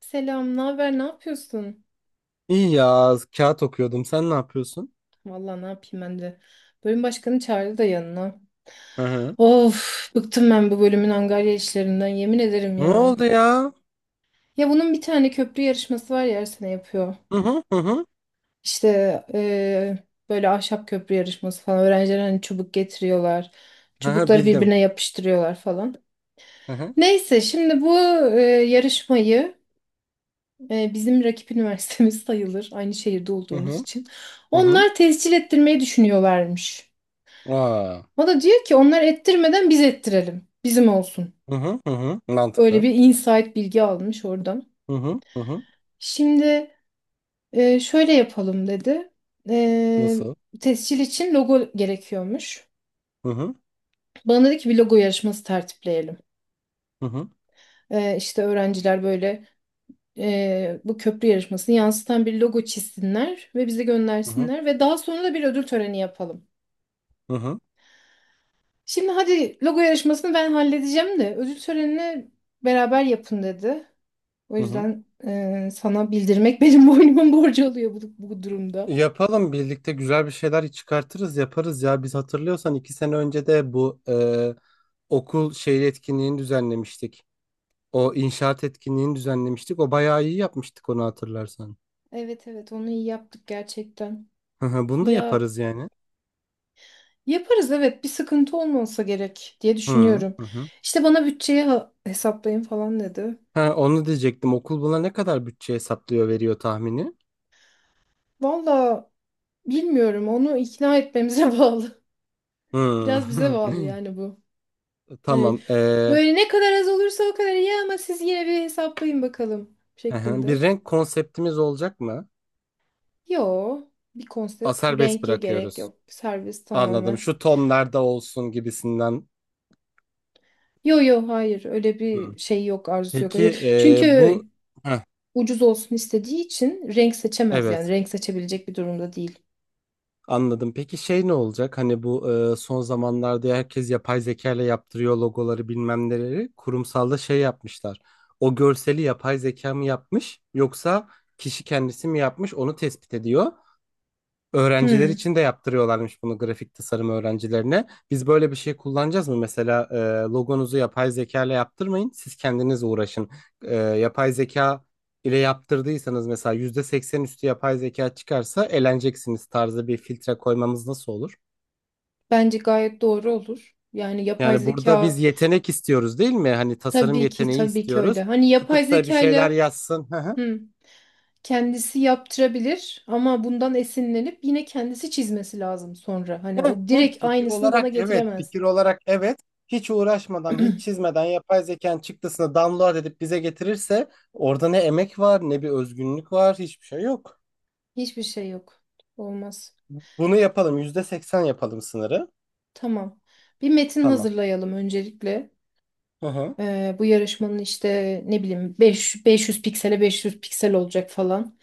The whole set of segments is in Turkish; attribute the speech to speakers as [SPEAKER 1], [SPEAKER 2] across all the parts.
[SPEAKER 1] Selam, ne haber, ne yapıyorsun?
[SPEAKER 2] İyi ya kağıt okuyordum. Sen ne yapıyorsun?
[SPEAKER 1] Vallahi ne yapayım ben de. Bölüm başkanı çağırdı da yanına.
[SPEAKER 2] Hı hı.
[SPEAKER 1] Of, bıktım ben bu bölümün angarya işlerinden, yemin ederim
[SPEAKER 2] Ne
[SPEAKER 1] ya.
[SPEAKER 2] oldu ya?
[SPEAKER 1] Ya bunun bir tane köprü yarışması var ya her sene yapıyor.
[SPEAKER 2] Hı hı hı hı.
[SPEAKER 1] İşte eee, böyle ahşap köprü yarışması falan. Öğrenciler hani çubuk getiriyorlar.
[SPEAKER 2] Hı hı,
[SPEAKER 1] Çubukları
[SPEAKER 2] bildim.
[SPEAKER 1] birbirine yapıştırıyorlar falan.
[SPEAKER 2] Hı hı
[SPEAKER 1] Neyse şimdi bu yarışmayı bizim rakip üniversitemiz sayılır. Aynı şehirde
[SPEAKER 2] hı
[SPEAKER 1] olduğumuz
[SPEAKER 2] hı
[SPEAKER 1] için.
[SPEAKER 2] hı hı.
[SPEAKER 1] Onlar tescil ettirmeyi düşünüyorlarmış.
[SPEAKER 2] Aa.
[SPEAKER 1] O da diyor ki onlar ettirmeden biz ettirelim. Bizim olsun.
[SPEAKER 2] Hı hı hı hı.
[SPEAKER 1] Öyle
[SPEAKER 2] Mantıklı.
[SPEAKER 1] bir insight bilgi almış oradan.
[SPEAKER 2] Hı hı hı hı.
[SPEAKER 1] Şimdi şöyle yapalım dedi. E,
[SPEAKER 2] Nasıl?
[SPEAKER 1] Tescil için logo gerekiyormuş.
[SPEAKER 2] Hı hı
[SPEAKER 1] Bana dedi ki bir logo yarışması tertipleyelim.
[SPEAKER 2] hı hı
[SPEAKER 1] İşte öğrenciler böyle bu köprü yarışmasını yansıtan bir logo çizsinler ve bize
[SPEAKER 2] hı hı
[SPEAKER 1] göndersinler ve daha sonra da bir ödül töreni yapalım.
[SPEAKER 2] hı hı.
[SPEAKER 1] Şimdi hadi logo yarışmasını ben halledeceğim de ödül törenini beraber yapın dedi. O
[SPEAKER 2] Hı hı.
[SPEAKER 1] yüzden sana bildirmek benim boynumun borcu oluyor bu durumda.
[SPEAKER 2] Yapalım birlikte güzel bir şeyler çıkartırız yaparız ya. Biz hatırlıyorsan 2 sene önce de bu okul şey etkinliğini düzenlemiştik. O inşaat etkinliğini düzenlemiştik. O bayağı iyi yapmıştık onu hatırlarsan.
[SPEAKER 1] Evet onu iyi yaptık gerçekten.
[SPEAKER 2] Hı hı, bunu da
[SPEAKER 1] Ya
[SPEAKER 2] yaparız yani.
[SPEAKER 1] yaparız evet, bir sıkıntı olmasa gerek diye
[SPEAKER 2] Hı
[SPEAKER 1] düşünüyorum.
[SPEAKER 2] hı. Hı.
[SPEAKER 1] İşte bana bütçeyi hesaplayın falan dedi.
[SPEAKER 2] Ha, onu diyecektim. Okul buna ne kadar bütçe hesaplıyor, veriyor tahmini?
[SPEAKER 1] Valla bilmiyorum, onu ikna etmemize bağlı.
[SPEAKER 2] Hı.
[SPEAKER 1] Biraz bize bağlı yani bu. Hani
[SPEAKER 2] Tamam.
[SPEAKER 1] böyle ne kadar az olursa o kadar iyi ama siz yine bir hesaplayın bakalım
[SPEAKER 2] Hı hı. Bir
[SPEAKER 1] şeklinde.
[SPEAKER 2] renk konseptimiz olacak mı?
[SPEAKER 1] Yo, bir
[SPEAKER 2] A,
[SPEAKER 1] konsept
[SPEAKER 2] serbest
[SPEAKER 1] renge gerek
[SPEAKER 2] bırakıyoruz.
[SPEAKER 1] yok. Servis
[SPEAKER 2] Anladım.
[SPEAKER 1] tamamen.
[SPEAKER 2] Şu tonlarda olsun gibisinden.
[SPEAKER 1] Yo, hayır öyle
[SPEAKER 2] Hı.
[SPEAKER 1] bir şey yok, arzusu yok. Öyle-
[SPEAKER 2] Peki
[SPEAKER 1] Çünkü
[SPEAKER 2] bu Heh,
[SPEAKER 1] ucuz olsun istediği için renk seçemez, yani
[SPEAKER 2] evet.
[SPEAKER 1] renk seçebilecek bir durumda değil.
[SPEAKER 2] Anladım. Peki şey ne olacak? Hani bu son zamanlarda herkes yapay zeka ile yaptırıyor logoları bilmem neleri. Kurumsalda şey yapmışlar. O görseli yapay zeka mı yapmış yoksa kişi kendisi mi yapmış onu tespit ediyor. Öğrenciler
[SPEAKER 1] Hmm,
[SPEAKER 2] için de yaptırıyorlarmış bunu grafik tasarım öğrencilerine. Biz böyle bir şey kullanacağız mı? Mesela logonuzu yapay zeka ile yaptırmayın. Siz kendiniz uğraşın. Yapay zeka ile yaptırdıysanız mesela %80 üstü yapay zeka çıkarsa eleneceksiniz tarzı bir filtre koymamız nasıl olur?
[SPEAKER 1] bence gayet doğru olur. Yani yapay
[SPEAKER 2] Yani burada
[SPEAKER 1] zeka
[SPEAKER 2] biz yetenek istiyoruz değil mi? Hani tasarım
[SPEAKER 1] tabii ki
[SPEAKER 2] yeteneği
[SPEAKER 1] tabii ki
[SPEAKER 2] istiyoruz.
[SPEAKER 1] öyle. Hani yapay
[SPEAKER 2] Tutup da bir şeyler
[SPEAKER 1] zekayla
[SPEAKER 2] yazsın.
[SPEAKER 1] hmm, kendisi yaptırabilir ama bundan esinlenip yine kendisi çizmesi lazım sonra. Hani o direkt
[SPEAKER 2] Fikir
[SPEAKER 1] aynısını bana
[SPEAKER 2] olarak evet,
[SPEAKER 1] getiremez.
[SPEAKER 2] fikir olarak evet. Hiç uğraşmadan, hiç çizmeden yapay zekanın çıktısını download edip bize getirirse orada ne emek var, ne bir özgünlük var, hiçbir şey yok.
[SPEAKER 1] Hiçbir şey yok. Olmaz.
[SPEAKER 2] Bunu yapalım, %80 yapalım sınırı.
[SPEAKER 1] Tamam. Bir metin
[SPEAKER 2] Tamam.
[SPEAKER 1] hazırlayalım öncelikle.
[SPEAKER 2] Hı hı,
[SPEAKER 1] Bu yarışmanın işte ne bileyim 500 piksele 500 piksel olacak falan.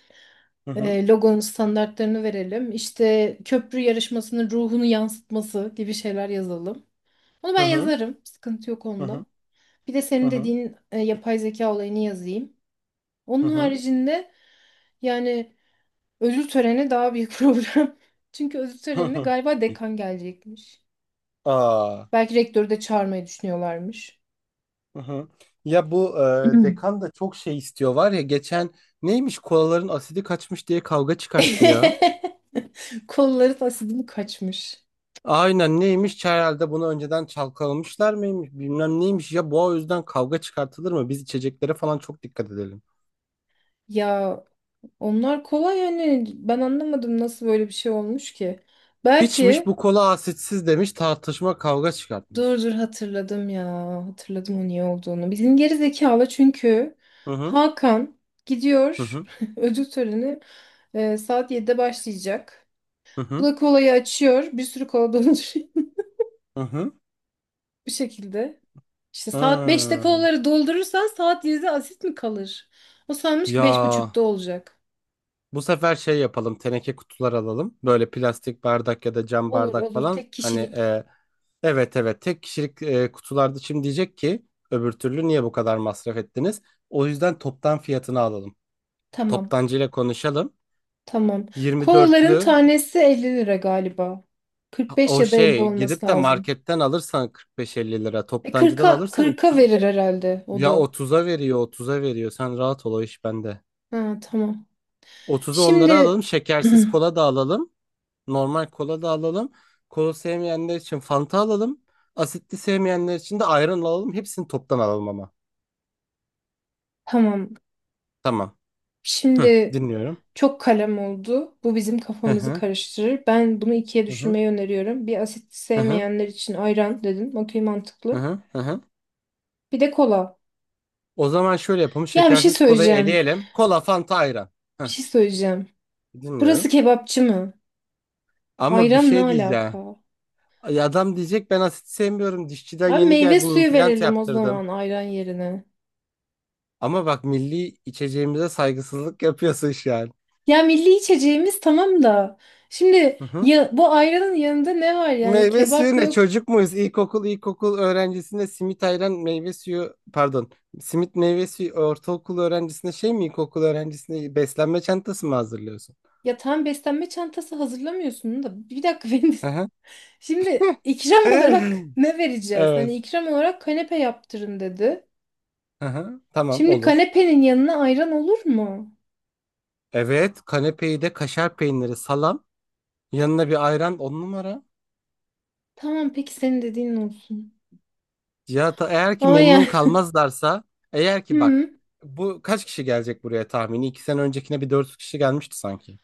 [SPEAKER 2] hı hı,
[SPEAKER 1] Logonun standartlarını verelim. İşte köprü yarışmasının ruhunu yansıtması gibi şeyler yazalım. Onu
[SPEAKER 2] hı
[SPEAKER 1] ben
[SPEAKER 2] hı,
[SPEAKER 1] yazarım. Sıkıntı yok
[SPEAKER 2] hı
[SPEAKER 1] onda.
[SPEAKER 2] hı,
[SPEAKER 1] Bir de
[SPEAKER 2] hı
[SPEAKER 1] senin
[SPEAKER 2] hı,
[SPEAKER 1] dediğin yapay zeka olayını yazayım.
[SPEAKER 2] hı
[SPEAKER 1] Onun
[SPEAKER 2] hı,
[SPEAKER 1] haricinde yani ödül töreni daha büyük problem. Çünkü ödül
[SPEAKER 2] hı
[SPEAKER 1] törenine
[SPEAKER 2] hı.
[SPEAKER 1] galiba dekan gelecekmiş.
[SPEAKER 2] Aa,
[SPEAKER 1] Belki rektörü de çağırmayı düşünüyorlarmış.
[SPEAKER 2] hı hı. Ya bu dekan da çok şey istiyor var ya, geçen neymiş kolaların asidi kaçmış diye kavga çıkarttı ya.
[SPEAKER 1] Kolları tasidini kaçmış.
[SPEAKER 2] Aynen, neymiş herhalde bunu önceden çalkalamışlar mıymış bilmem neymiş ya bu, o yüzden kavga çıkartılır mı, biz içeceklere falan çok dikkat edelim.
[SPEAKER 1] Ya onlar kolay, yani ben anlamadım nasıl böyle bir şey olmuş ki.
[SPEAKER 2] İçmiş
[SPEAKER 1] Belki
[SPEAKER 2] bu kola asitsiz demiş, tartışma kavga çıkartmış.
[SPEAKER 1] dur, hatırladım ya, hatırladım o niye olduğunu. Bizim geri zekalı çünkü
[SPEAKER 2] Hı hı
[SPEAKER 1] Hakan
[SPEAKER 2] hı
[SPEAKER 1] gidiyor,
[SPEAKER 2] hı
[SPEAKER 1] ödül töreni saat 7'de başlayacak.
[SPEAKER 2] hı
[SPEAKER 1] Bu
[SPEAKER 2] hı
[SPEAKER 1] da kolayı açıyor, bir sürü kola dolduruyor
[SPEAKER 2] hı. Hı.
[SPEAKER 1] bu şekilde. İşte saat 5'te
[SPEAKER 2] Hı.
[SPEAKER 1] kolaları doldurursan saat 7'de asit mi kalır? O sanmış ki beş
[SPEAKER 2] Ya
[SPEAKER 1] buçukta olacak.
[SPEAKER 2] bu sefer şey yapalım, teneke kutular alalım, böyle plastik bardak ya da cam
[SPEAKER 1] Olur
[SPEAKER 2] bardak
[SPEAKER 1] olur,
[SPEAKER 2] falan,
[SPEAKER 1] tek
[SPEAKER 2] hani
[SPEAKER 1] kişilik.
[SPEAKER 2] evet evet tek kişilik kutularda. Şimdi diyecek ki öbür türlü niye bu kadar masraf ettiniz, o yüzden toptan fiyatını alalım.
[SPEAKER 1] Tamam.
[SPEAKER 2] Toptancıyla konuşalım.
[SPEAKER 1] Tamam. Kolaların
[SPEAKER 2] 24'lü,
[SPEAKER 1] tanesi 50 lira galiba. 45
[SPEAKER 2] o
[SPEAKER 1] ya da 50
[SPEAKER 2] şey
[SPEAKER 1] olması
[SPEAKER 2] gidip de
[SPEAKER 1] lazım.
[SPEAKER 2] marketten alırsan 45-50 lira.
[SPEAKER 1] E
[SPEAKER 2] Toptancıdan
[SPEAKER 1] 40'a
[SPEAKER 2] alırsan 3
[SPEAKER 1] 40'a verir herhalde o
[SPEAKER 2] ya
[SPEAKER 1] da.
[SPEAKER 2] otuz'a veriyor, otuz'a veriyor. Sen rahat ol, o iş bende.
[SPEAKER 1] Ha, tamam.
[SPEAKER 2] 30'u onları
[SPEAKER 1] Şimdi
[SPEAKER 2] alalım. Şekersiz kola da alalım. Normal kola da alalım. Kola sevmeyenler için Fanta alalım. Asitli sevmeyenler için de ayran alalım. Hepsini toptan alalım ama.
[SPEAKER 1] tamam.
[SPEAKER 2] Tamam. Hı,
[SPEAKER 1] Şimdi
[SPEAKER 2] dinliyorum.
[SPEAKER 1] çok kalem oldu. Bu bizim
[SPEAKER 2] Hı
[SPEAKER 1] kafamızı
[SPEAKER 2] hı.
[SPEAKER 1] karıştırır. Ben bunu ikiye
[SPEAKER 2] Hı hı.
[SPEAKER 1] düşürmeyi öneriyorum. Bir, asit
[SPEAKER 2] Hı hı.
[SPEAKER 1] sevmeyenler için ayran dedim. Okey,
[SPEAKER 2] Hı
[SPEAKER 1] mantıklı.
[SPEAKER 2] hı. Hı hı.
[SPEAKER 1] Bir de kola.
[SPEAKER 2] O zaman şöyle yapalım.
[SPEAKER 1] Ya bir şey
[SPEAKER 2] Şekersiz kolayı
[SPEAKER 1] söyleyeceğim.
[SPEAKER 2] eleyelim. Kola, Fanta, ayran.
[SPEAKER 1] Bir
[SPEAKER 2] Hı.
[SPEAKER 1] şey söyleyeceğim. Burası
[SPEAKER 2] Dinliyorum.
[SPEAKER 1] kebapçı mı?
[SPEAKER 2] Ama bir
[SPEAKER 1] Ayran ne
[SPEAKER 2] şey diyeceğim.
[SPEAKER 1] alaka?
[SPEAKER 2] Ay, adam diyecek ben asit sevmiyorum, dişçiden
[SPEAKER 1] Abi
[SPEAKER 2] yeni
[SPEAKER 1] meyve
[SPEAKER 2] geldim
[SPEAKER 1] suyu
[SPEAKER 2] implant
[SPEAKER 1] verelim o
[SPEAKER 2] yaptırdım.
[SPEAKER 1] zaman ayran yerine.
[SPEAKER 2] Ama bak, milli içeceğimize saygısızlık yapıyorsun şu an.
[SPEAKER 1] Ya milli içeceğimiz tamam da. Şimdi
[SPEAKER 2] Hı hı.
[SPEAKER 1] ya, bu ayranın yanında ne var, yani
[SPEAKER 2] Meyve
[SPEAKER 1] kebap
[SPEAKER 2] suyu? Ne
[SPEAKER 1] yok.
[SPEAKER 2] çocuk muyuz? İlkokul öğrencisine simit ayran meyve suyu, pardon, simit meyve suyu, ortaokul öğrencisine şey mi, ilkokul öğrencisine beslenme çantası mı hazırlıyorsun?
[SPEAKER 1] Ya tam beslenme çantası hazırlamıyorsun da. Bir dakika benim.
[SPEAKER 2] Hı hı.
[SPEAKER 1] Şimdi ikram olarak ne vereceğiz? Hani
[SPEAKER 2] Evet.
[SPEAKER 1] ikram olarak kanepe yaptırın dedi.
[SPEAKER 2] Hı hı. Tamam,
[SPEAKER 1] Şimdi
[SPEAKER 2] olur.
[SPEAKER 1] kanepenin yanına ayran olur mu?
[SPEAKER 2] Evet, kanepeyi de kaşar peyniri salam yanına bir ayran, on numara.
[SPEAKER 1] Tamam, peki senin dediğin olsun.
[SPEAKER 2] Cihat, eğer ki
[SPEAKER 1] Ama
[SPEAKER 2] memnun
[SPEAKER 1] yani.
[SPEAKER 2] kalmazlarsa, eğer ki bak,
[SPEAKER 1] Hı.
[SPEAKER 2] bu kaç kişi gelecek buraya tahmini? 2 sene öncekine bir 400 kişi gelmişti sanki.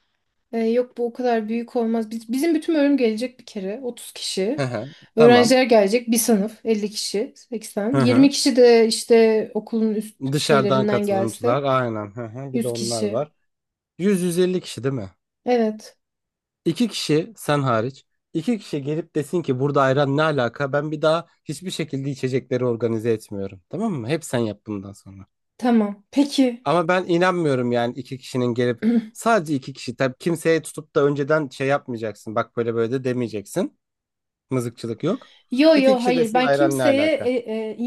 [SPEAKER 1] Yok bu o kadar büyük olmaz. Bizim bütün bölüm gelecek bir kere. 30
[SPEAKER 2] Hı
[SPEAKER 1] kişi.
[SPEAKER 2] hı, tamam.
[SPEAKER 1] Öğrenciler gelecek. Bir sınıf 50 kişi.
[SPEAKER 2] Hı
[SPEAKER 1] 80. 20
[SPEAKER 2] hı.
[SPEAKER 1] kişi de işte okulun üst
[SPEAKER 2] Dışarıdan
[SPEAKER 1] şeylerinden
[SPEAKER 2] katılımcılar,
[SPEAKER 1] gelse.
[SPEAKER 2] aynen. Hı hı. Bir de
[SPEAKER 1] 100
[SPEAKER 2] onlar
[SPEAKER 1] kişi.
[SPEAKER 2] var. 100-150 kişi değil mi?
[SPEAKER 1] Evet.
[SPEAKER 2] İki kişi sen hariç. İki kişi gelip desin ki burada ayran ne alaka, ben bir daha hiçbir şekilde içecekleri organize etmiyorum. Tamam mı? Hep sen yap bundan sonra.
[SPEAKER 1] Tamam. Peki.
[SPEAKER 2] Ama ben inanmıyorum yani iki kişinin gelip, sadece iki kişi. Tabii kimseye tutup da önceden şey yapmayacaksın. Bak böyle böyle de demeyeceksin. Mızıkçılık yok.
[SPEAKER 1] Yo
[SPEAKER 2] İki
[SPEAKER 1] yo
[SPEAKER 2] kişi
[SPEAKER 1] hayır.
[SPEAKER 2] desin
[SPEAKER 1] Ben
[SPEAKER 2] ayran ne
[SPEAKER 1] kimseye
[SPEAKER 2] alaka?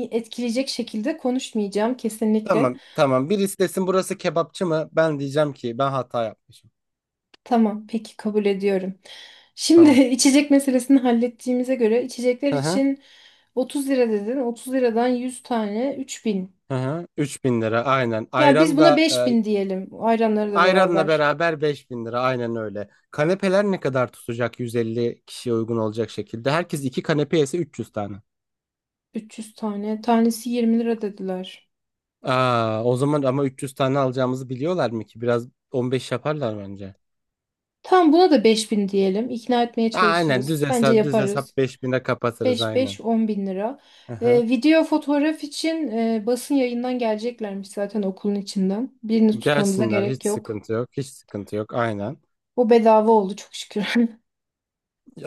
[SPEAKER 1] etkileyecek şekilde konuşmayacağım kesinlikle.
[SPEAKER 2] Tamam tamam, birisi desin burası kebapçı mı, ben diyeceğim ki ben hata yapmışım.
[SPEAKER 1] Tamam. Peki, kabul ediyorum. Şimdi
[SPEAKER 2] Tamam.
[SPEAKER 1] içecek meselesini hallettiğimize göre içecekler
[SPEAKER 2] Hı hı.
[SPEAKER 1] için 30 lira dedin. 30 liradan 100 tane, 3.000.
[SPEAKER 2] Hı hı. 3.000 lira aynen.
[SPEAKER 1] Ya biz
[SPEAKER 2] Ayran
[SPEAKER 1] buna
[SPEAKER 2] da
[SPEAKER 1] beş
[SPEAKER 2] e,
[SPEAKER 1] bin diyelim, ayranları da
[SPEAKER 2] ayranla
[SPEAKER 1] beraber.
[SPEAKER 2] beraber 5.000 lira, aynen öyle. Kanepeler ne kadar tutacak 150 kişiye uygun olacak şekilde? Herkes iki kanepe yese 300 tane.
[SPEAKER 1] 300 tane. Tanesi 20 lira dediler.
[SPEAKER 2] Aa, o zaman ama 300 tane alacağımızı biliyorlar mı ki? Biraz 15 yaparlar bence.
[SPEAKER 1] Tamam, buna da 5.000 diyelim. İkna etmeye
[SPEAKER 2] Aynen, düz
[SPEAKER 1] çalışırız. Bence
[SPEAKER 2] hesap düz
[SPEAKER 1] yaparız.
[SPEAKER 2] hesap 5.000'e kapatırız
[SPEAKER 1] 5,
[SPEAKER 2] aynen.
[SPEAKER 1] 5, 10 bin lira.
[SPEAKER 2] Aha.
[SPEAKER 1] Video fotoğraf için basın yayından geleceklermiş zaten, okulun içinden. Birini tutmamıza
[SPEAKER 2] Gelsinler,
[SPEAKER 1] gerek
[SPEAKER 2] hiç
[SPEAKER 1] yok.
[SPEAKER 2] sıkıntı yok. Hiç sıkıntı yok, aynen.
[SPEAKER 1] O bedava oldu çok şükür.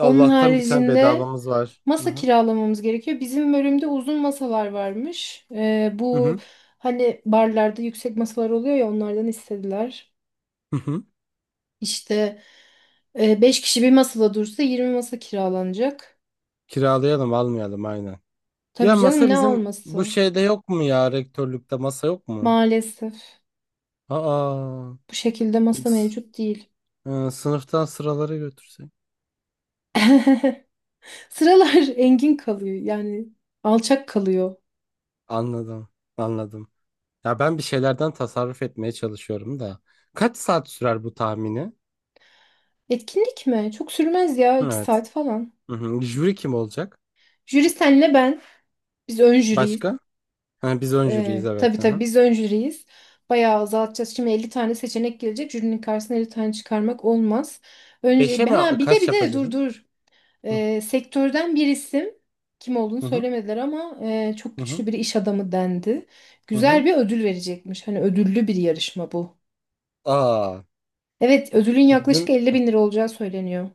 [SPEAKER 1] Onun
[SPEAKER 2] bir tane
[SPEAKER 1] haricinde
[SPEAKER 2] bedavamız var. Hı
[SPEAKER 1] masa
[SPEAKER 2] hı.
[SPEAKER 1] kiralamamız gerekiyor. Bizim bölümde uzun masalar varmış.
[SPEAKER 2] Hı
[SPEAKER 1] Bu
[SPEAKER 2] hı.
[SPEAKER 1] hani barlarda yüksek masalar oluyor ya, onlardan istediler.
[SPEAKER 2] Hı hı.
[SPEAKER 1] İşte 5 kişi bir masada dursa 20 masa kiralanacak.
[SPEAKER 2] Kiralayalım, almayalım aynen. Ya
[SPEAKER 1] Tabii canım,
[SPEAKER 2] masa
[SPEAKER 1] ne
[SPEAKER 2] bizim bu
[SPEAKER 1] alması?
[SPEAKER 2] şeyde yok mu ya, rektörlükte masa yok mu?
[SPEAKER 1] Maalesef
[SPEAKER 2] Aa,
[SPEAKER 1] bu şekilde masa
[SPEAKER 2] s-
[SPEAKER 1] mevcut değil.
[SPEAKER 2] sınıftan sıraları götürsek.
[SPEAKER 1] Sıralar engin kalıyor, yani alçak kalıyor.
[SPEAKER 2] Anladım. Anladım. Ya ben bir şeylerden tasarruf etmeye çalışıyorum da. Kaç saat sürer bu tahmini?
[SPEAKER 1] Etkinlik mi? Çok sürmez ya, 2
[SPEAKER 2] Evet.
[SPEAKER 1] saat falan.
[SPEAKER 2] Hı hı. Jüri kim olacak?
[SPEAKER 1] Jüri senle ben. Biz ön jüriyiz.
[SPEAKER 2] Başka? Ha, biz ön jüriyiz,
[SPEAKER 1] Ee,
[SPEAKER 2] evet.
[SPEAKER 1] tabii
[SPEAKER 2] Hı
[SPEAKER 1] tabii
[SPEAKER 2] hı.
[SPEAKER 1] biz ön jüriyiz. Bayağı azaltacağız. Şimdi 50 tane seçenek gelecek. Jürinin karşısına 50 tane çıkarmak olmaz. Önce
[SPEAKER 2] Beşe mi,
[SPEAKER 1] ha bir de
[SPEAKER 2] kaç
[SPEAKER 1] bir de
[SPEAKER 2] yapacağız?
[SPEAKER 1] dur.
[SPEAKER 2] Hı
[SPEAKER 1] Sektörden bir isim, kim olduğunu
[SPEAKER 2] hı
[SPEAKER 1] söylemediler ama çok
[SPEAKER 2] hı hı.
[SPEAKER 1] güçlü bir iş adamı dendi.
[SPEAKER 2] Hı hı.
[SPEAKER 1] Güzel bir ödül verecekmiş. Hani ödüllü bir yarışma bu.
[SPEAKER 2] Aa,
[SPEAKER 1] Evet, ödülün yaklaşık
[SPEAKER 2] bizim,
[SPEAKER 1] 50 bin lira olacağı söyleniyor.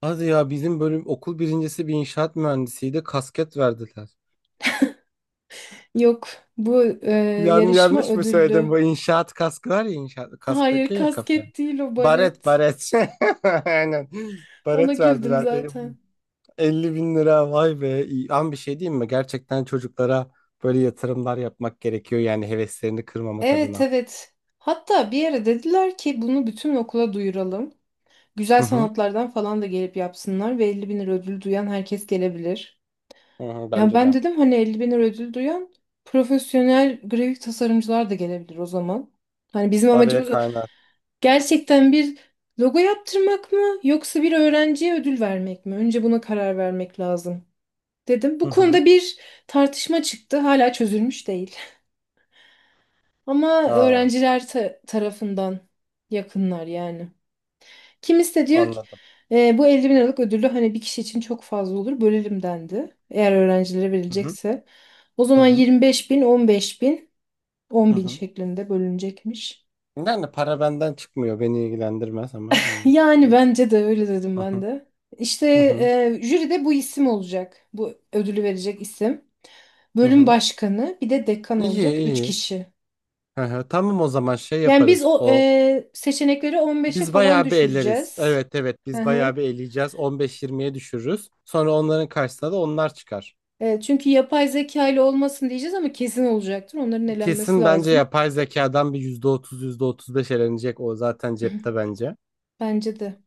[SPEAKER 2] hadi ya, bizim bölüm okul birincisi bir inşaat mühendisiydi. Kasket verdiler.
[SPEAKER 1] Yok, bu
[SPEAKER 2] Yani
[SPEAKER 1] yarışma
[SPEAKER 2] yanlış mı söyledim?
[SPEAKER 1] ödüllü.
[SPEAKER 2] Bu inşaat kaskı var ya, inşaat
[SPEAKER 1] Hayır,
[SPEAKER 2] kasktaki ya kafa.
[SPEAKER 1] kasket değil o,
[SPEAKER 2] Baret,
[SPEAKER 1] baret.
[SPEAKER 2] baret. Aynen.
[SPEAKER 1] Ona
[SPEAKER 2] Baret
[SPEAKER 1] güldüm
[SPEAKER 2] verdiler.
[SPEAKER 1] zaten.
[SPEAKER 2] 50 bin lira, vay be. İyi. Ama bir şey diyeyim mi? Gerçekten çocuklara böyle yatırımlar yapmak gerekiyor. Yani heveslerini kırmamak
[SPEAKER 1] Evet
[SPEAKER 2] adına.
[SPEAKER 1] evet. Hatta bir yere dediler ki bunu bütün okula duyuralım. Güzel
[SPEAKER 2] Hı hı.
[SPEAKER 1] sanatlardan falan da gelip yapsınlar ve 50 bin lira ödül duyan herkes gelebilir.
[SPEAKER 2] Hı hı,
[SPEAKER 1] Ya
[SPEAKER 2] bence
[SPEAKER 1] ben
[SPEAKER 2] de.
[SPEAKER 1] dedim hani 50 bin lira ödül duyan profesyonel grafik tasarımcılar da gelebilir o zaman. Hani bizim
[SPEAKER 2] Araya
[SPEAKER 1] amacımız o-
[SPEAKER 2] kaynar.
[SPEAKER 1] gerçekten bir logo yaptırmak mı yoksa bir öğrenciye ödül vermek mi? Önce buna karar vermek lazım dedim.
[SPEAKER 2] Hı
[SPEAKER 1] Bu
[SPEAKER 2] hı.
[SPEAKER 1] konuda bir tartışma çıktı. Hala çözülmüş değil. Ama
[SPEAKER 2] Aa,
[SPEAKER 1] öğrenciler tarafından yakınlar yani. Kimisi de diyor ki:
[SPEAKER 2] anladım.
[SPEAKER 1] "E, bu 50 bin liralık ödülü hani bir kişi için çok fazla olur, bölelim" dendi. Eğer öğrencilere
[SPEAKER 2] Hı hı.
[SPEAKER 1] verilecekse. O
[SPEAKER 2] Hı
[SPEAKER 1] zaman
[SPEAKER 2] hı.
[SPEAKER 1] 25 bin, 15 bin,
[SPEAKER 2] Hı
[SPEAKER 1] 10 bin
[SPEAKER 2] hı.
[SPEAKER 1] şeklinde bölünecekmiş.
[SPEAKER 2] Yani para benden çıkmıyor, beni ilgilendirmez ama. Hani. Hı
[SPEAKER 1] Yani bence de öyle dedim ben
[SPEAKER 2] hı.
[SPEAKER 1] de. İşte
[SPEAKER 2] Hı hı.
[SPEAKER 1] jüride bu isim olacak. Bu ödülü verecek isim.
[SPEAKER 2] Hı
[SPEAKER 1] Bölüm
[SPEAKER 2] hı.
[SPEAKER 1] başkanı, bir de dekan
[SPEAKER 2] İyi,
[SPEAKER 1] olacak. 3
[SPEAKER 2] iyi.
[SPEAKER 1] kişi.
[SPEAKER 2] Hı hı. Tamam, o zaman şey
[SPEAKER 1] Yani biz
[SPEAKER 2] yaparız.
[SPEAKER 1] o
[SPEAKER 2] O,
[SPEAKER 1] seçenekleri 15'e
[SPEAKER 2] biz
[SPEAKER 1] falan
[SPEAKER 2] bayağı bir elleriz.
[SPEAKER 1] düşüreceğiz.
[SPEAKER 2] Evet evet,
[SPEAKER 1] Hı
[SPEAKER 2] biz bayağı
[SPEAKER 1] hı.
[SPEAKER 2] bir eleyeceğiz. 15-20'ye düşürürüz. Sonra onların karşısına da onlar çıkar.
[SPEAKER 1] Çünkü yapay zeka ile olmasın diyeceğiz ama kesin olacaktır. Onların elenmesi
[SPEAKER 2] Kesin, bence
[SPEAKER 1] lazım.
[SPEAKER 2] yapay zekadan bir yüzde otuz yüzde otuz beş elenecek, o zaten cepte bence.
[SPEAKER 1] Bence de.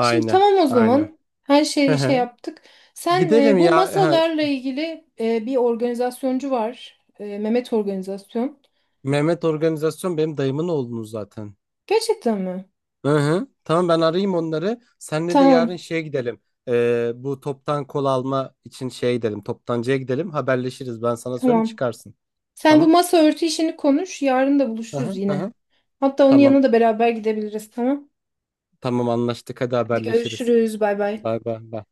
[SPEAKER 1] Şimdi tamam o
[SPEAKER 2] aynen.
[SPEAKER 1] zaman. Her
[SPEAKER 2] Hı
[SPEAKER 1] şeyi şey
[SPEAKER 2] hı.
[SPEAKER 1] yaptık. Sen
[SPEAKER 2] Gidelim
[SPEAKER 1] bu
[SPEAKER 2] ya. Ha,
[SPEAKER 1] masalarla ilgili bir organizasyoncu var. E, Mehmet Organizasyon.
[SPEAKER 2] Mehmet Organizasyon benim dayımın oğlunuz zaten.
[SPEAKER 1] Gerçekten mi?
[SPEAKER 2] Hı hı. Tamam, ben arayayım onları. Senle de yarın
[SPEAKER 1] Tamam,
[SPEAKER 2] şeye gidelim. Bu toptan kol alma için şeye gidelim. Toptancıya gidelim. Haberleşiriz. Ben sana söyleyeyim,
[SPEAKER 1] tamam.
[SPEAKER 2] çıkarsın.
[SPEAKER 1] Sen bu
[SPEAKER 2] Tamam.
[SPEAKER 1] masa örtü işini konuş. Yarın da
[SPEAKER 2] Hı hı,
[SPEAKER 1] buluşuruz
[SPEAKER 2] hı
[SPEAKER 1] yine.
[SPEAKER 2] hı.
[SPEAKER 1] Hatta onun
[SPEAKER 2] Tamam.
[SPEAKER 1] yanına da beraber gidebiliriz, tamam?
[SPEAKER 2] Tamam, anlaştık. Hadi
[SPEAKER 1] Hadi
[SPEAKER 2] haberleşiriz.
[SPEAKER 1] görüşürüz. Bay bay.
[SPEAKER 2] Bay bay. Bay.